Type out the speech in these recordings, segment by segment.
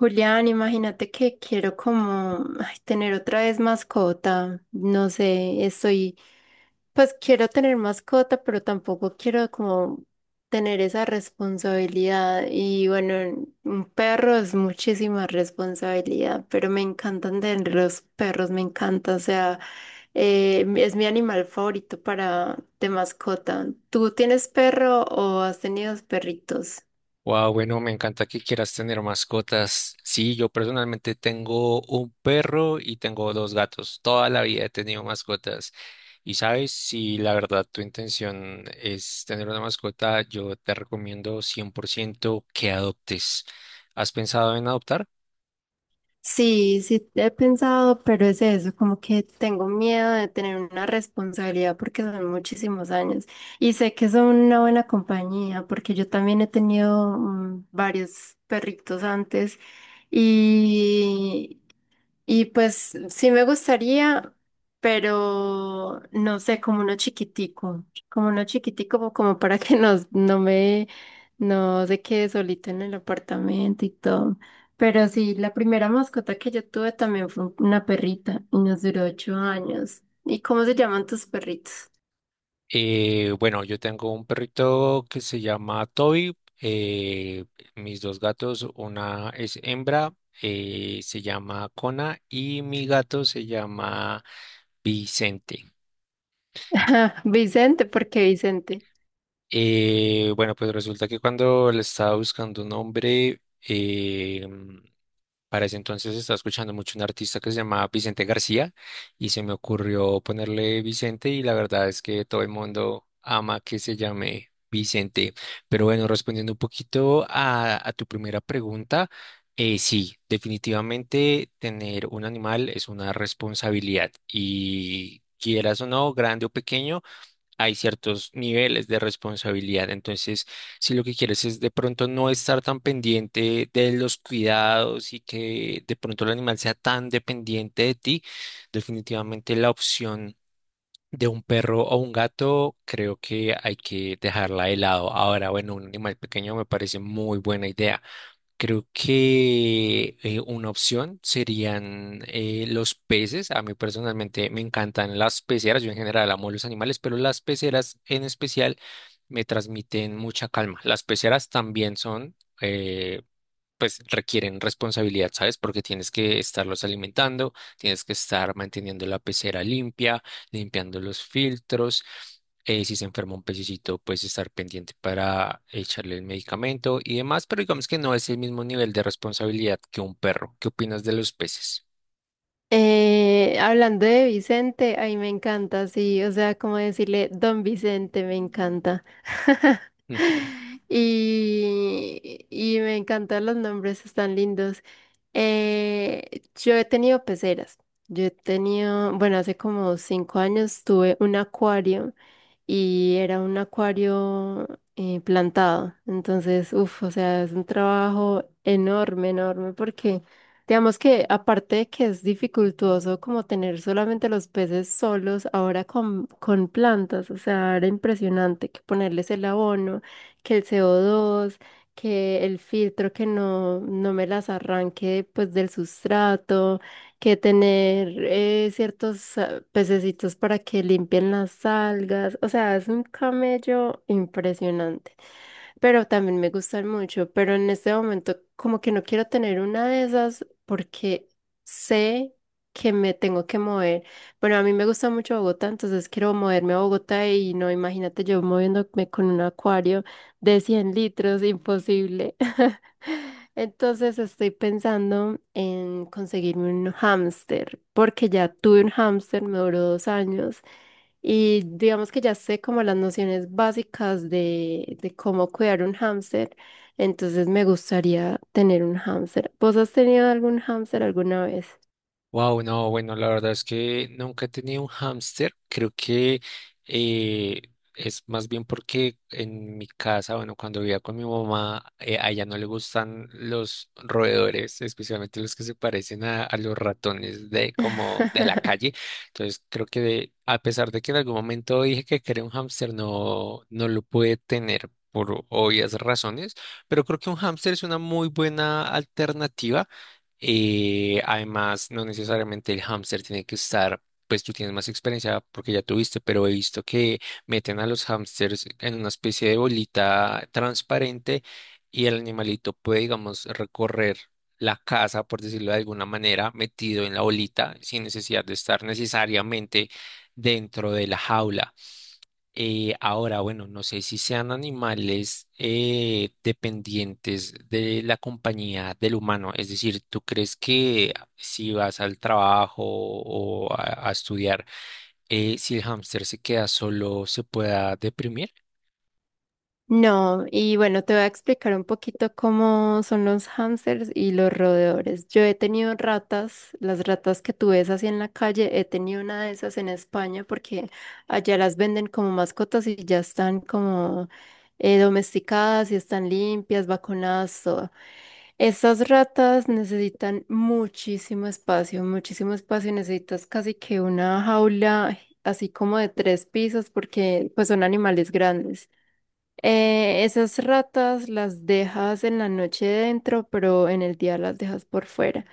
Julián, imagínate que quiero como ay, tener otra vez mascota. No sé, pues quiero tener mascota, pero tampoco quiero como tener esa responsabilidad. Y bueno, un perro es muchísima responsabilidad, pero me encantan tener los perros, me encanta. O sea, es mi animal favorito para de mascota. ¿Tú tienes perro o has tenido perritos? Wow, bueno, me encanta que quieras tener mascotas. Sí, yo personalmente tengo un perro y tengo dos gatos. Toda la vida he tenido mascotas. Y sabes, si la verdad tu intención es tener una mascota, yo te recomiendo 100% que adoptes. ¿Has pensado en adoptar? Sí, sí, he pensado, pero es eso, como que tengo miedo de tener una responsabilidad porque son muchísimos años y sé que son una buena compañía porque yo también he tenido varios perritos antes y, y pues sí me gustaría, pero no sé, como uno chiquitico, como uno chiquitico, como para que no se quede solito en el apartamento y todo. Pero sí, la primera mascota que yo tuve también fue una perrita y nos duró 8 años. ¿Y cómo se llaman tus perritos? Bueno, yo tengo un perrito que se llama Toby. Mis dos gatos, una es hembra, se llama Cona, y mi gato se llama Vicente. Vicente, ¿por qué Vicente? Bueno, pues resulta que cuando le estaba buscando un nombre, eh, para ese entonces estaba escuchando mucho un artista que se llamaba Vicente García y se me ocurrió ponerle Vicente, y la verdad es que todo el mundo ama que se llame Vicente. Pero bueno, respondiendo un poquito a tu primera pregunta, sí, definitivamente tener un animal es una responsabilidad y quieras o no, grande o pequeño, hay ciertos niveles de responsabilidad. Entonces, si lo que quieres es de pronto no estar tan pendiente de los cuidados y que de pronto el animal sea tan dependiente de ti, definitivamente la opción de un perro o un gato creo que hay que dejarla de lado. Ahora, bueno, un animal pequeño me parece muy buena idea. Creo que una opción serían los peces. A mí personalmente me encantan las peceras. Yo en general amo los animales, pero las peceras en especial me transmiten mucha calma. Las peceras también son pues requieren responsabilidad, ¿sabes? Porque tienes que estarlos alimentando, tienes que estar manteniendo la pecera limpia, limpiando los filtros. Si se enferma un pececito, pues estar pendiente para echarle el medicamento y demás, pero digamos que no es el mismo nivel de responsabilidad que un perro. ¿Qué opinas de los peces? Hablando de Vicente, ay, me encanta, sí, o sea, como decirle Don Vicente, me encanta. Y, y me encantan los nombres, están lindos. Yo he tenido peceras, yo he tenido, bueno, hace como 5 años tuve un acuario y era un acuario plantado. Entonces, uff, o sea, es un trabajo enorme, enorme, porque digamos que aparte de que es dificultoso como tener solamente los peces solos, ahora con plantas, o sea, era impresionante que ponerles el abono, que el CO2, que el filtro que no me las arranque pues del sustrato que tener ciertos pececitos para que limpien las algas. O sea, es un camello impresionante. Pero también me gustan mucho. Pero en este momento, como que no quiero tener una de esas porque sé que me tengo que mover. Bueno, a mí me gusta mucho Bogotá, entonces quiero moverme a Bogotá y no, imagínate yo moviéndome con un acuario de 100 litros, imposible. Entonces estoy pensando en conseguirme un hámster, porque ya tuve un hámster, me duró 2 años y digamos que ya sé como las nociones básicas de cómo cuidar un hámster, entonces me gustaría tener un hámster. ¿Vos has tenido algún hámster alguna vez? Wow, no, bueno, la verdad es que nunca he tenido un hámster. Creo que eh, es más bien porque en mi casa, bueno, cuando vivía con mi mamá, a ella no le gustan los roedores, especialmente los que se parecen a los ratones de como de la calle. Entonces, creo que a pesar de que en algún momento dije que quería un hámster, no, no lo pude tener por obvias razones, pero creo que un hámster es una muy buena alternativa y además, no necesariamente el hámster tiene que estar, pues tú tienes más experiencia porque ya tuviste, pero he visto que meten a los hámsters en una especie de bolita transparente y el animalito puede, digamos, recorrer la casa, por decirlo de alguna manera, metido en la bolita sin necesidad de estar necesariamente dentro de la jaula. Ahora, bueno, no sé si sean animales dependientes de la compañía del humano. Es decir, ¿tú crees que si vas al trabajo o a estudiar, si el hámster se queda solo, se pueda deprimir? No, y bueno, te voy a explicar un poquito cómo son los hámsters y los roedores. Yo he tenido ratas, las ratas que tú ves así en la calle, he tenido una de esas en España porque allá las venden como mascotas y ya están como domesticadas y están limpias, vacunadas, todo. Esas ratas necesitan muchísimo espacio, necesitas casi que una jaula así como de 3 pisos porque pues son animales grandes. Esas ratas las dejas en la noche dentro, pero en el día las dejas por fuera.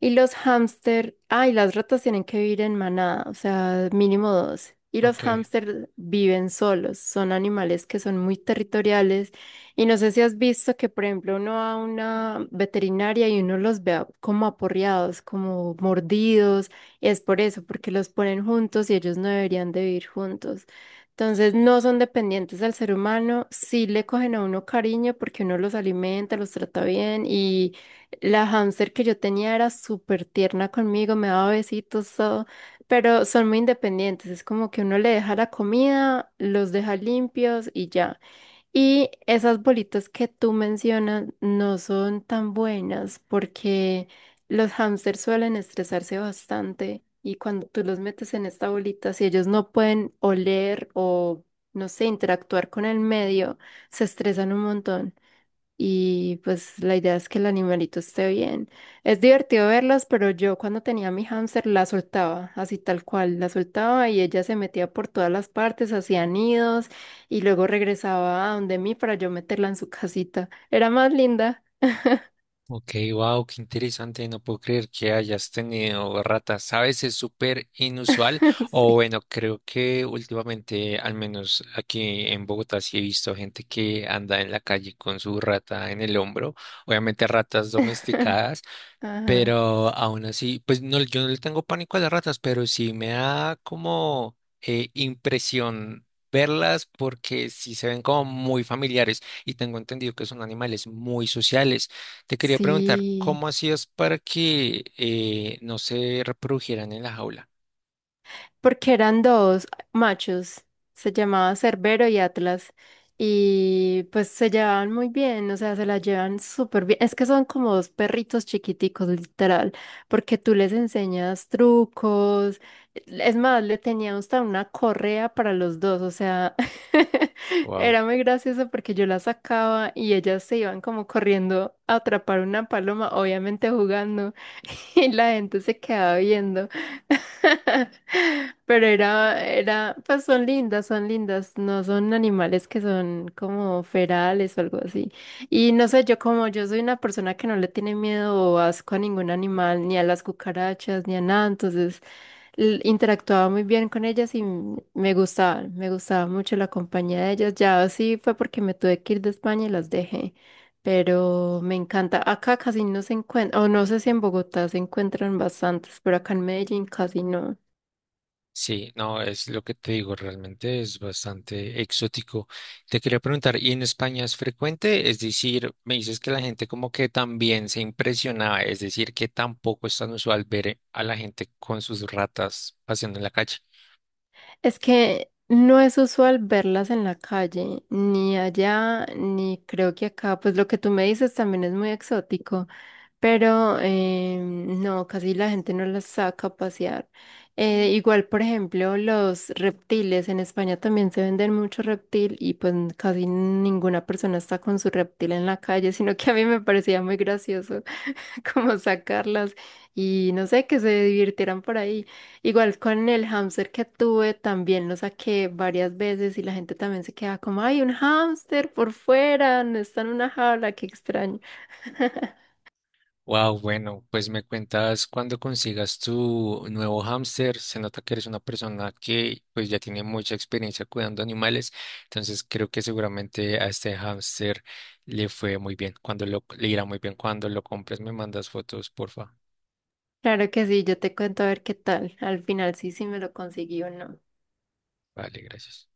Y los hámster, ay, las ratas tienen que vivir en manada, o sea, mínimo 2. Y los Ok. hámster viven solos, son animales que son muy territoriales. Y no sé si has visto que, por ejemplo, uno va a una veterinaria y uno los ve como aporreados, como mordidos. Y es por eso, porque los ponen juntos y ellos no deberían de vivir juntos. Entonces no son dependientes del ser humano, sí le cogen a uno cariño porque uno los alimenta, los trata bien y la hámster que yo tenía era súper tierna conmigo, me daba besitos, todo, pero son muy independientes, es como que uno le deja la comida, los deja limpios y ya. Y esas bolitas que tú mencionas no son tan buenas porque los hámsters suelen estresarse bastante y cuando tú los metes en esta bolita, si ellos no pueden oler o, no sé, interactuar con el medio, se estresan un montón. Y pues la idea es que el animalito esté bien. Es divertido verlas, pero yo cuando tenía mi hámster la soltaba, así tal cual, la soltaba y ella se metía por todas las partes, hacía nidos y luego regresaba a donde mí para yo meterla en su casita. Era más linda. Ok, wow, qué interesante, no puedo creer que hayas tenido ratas. A veces súper inusual, o Sí. bueno, creo que últimamente, al menos aquí en Bogotá, sí he visto gente que anda en la calle con su rata en el hombro, obviamente ratas domesticadas. Ajá. Pero aún así, pues no, yo no le tengo pánico a las ratas, pero sí me da como impresión verlas porque sí se ven como muy familiares y tengo entendido que son animales muy sociales. Te quería preguntar, Sí. ¿cómo hacías para que no se reprodujeran en la jaula? Porque eran dos machos, se llamaba Cerbero y Atlas, y pues se llevaban muy bien, o sea, se la llevan súper bien. Es que son como dos perritos chiquiticos, literal, porque tú les enseñas trucos, es más, le tenía hasta una correa para los dos, o sea, era muy gracioso porque yo la sacaba y ellas se iban como corriendo a atrapar una paloma, obviamente jugando. Y la gente se quedaba viendo. Pero pues son lindas, no son animales que son como ferales o algo así. Y no sé, yo como yo soy una persona que no le tiene miedo o asco a ningún animal, ni a las cucarachas, ni a nada, entonces interactuaba muy bien con ellas y me gustaban, me gustaba mucho la compañía de ellas. Ya así fue porque me tuve que ir de España y las dejé pero me encanta. Acá casi no se encuentran, o no sé si en Bogotá se encuentran bastantes, pero acá en Medellín casi no. Sí, no, es lo que te digo, realmente es bastante exótico. Te quería preguntar, ¿y en España es frecuente? Es decir, me dices que la gente como que también se impresionaba, es decir, que tampoco es tan usual ver a la gente con sus ratas paseando en la calle. Es que no es usual verlas en la calle, ni allá, ni creo que acá. Pues lo que tú me dices también es muy exótico. Pero no, casi la gente no las saca a pasear. Igual, por ejemplo, los reptiles, en España también se venden mucho reptil y pues casi ninguna persona está con su reptil en la calle, sino que a mí me parecía muy gracioso como sacarlas y no sé, que se divirtieran por ahí. Igual con el hámster que tuve, también lo saqué varias veces y la gente también se queda como, ay, un hámster por fuera, no está en una jaula, qué extraño. Wow, bueno, pues me cuentas cuando consigas tu nuevo hámster. Se nota que eres una persona que pues ya tiene mucha experiencia cuidando animales, entonces creo que seguramente a este hámster le fue muy bien. Cuando lo, le irá muy bien cuando lo compres, me mandas fotos, porfa. Claro que sí, yo te cuento a ver qué tal. Al final sí, sí me lo conseguí o no. Vale, gracias.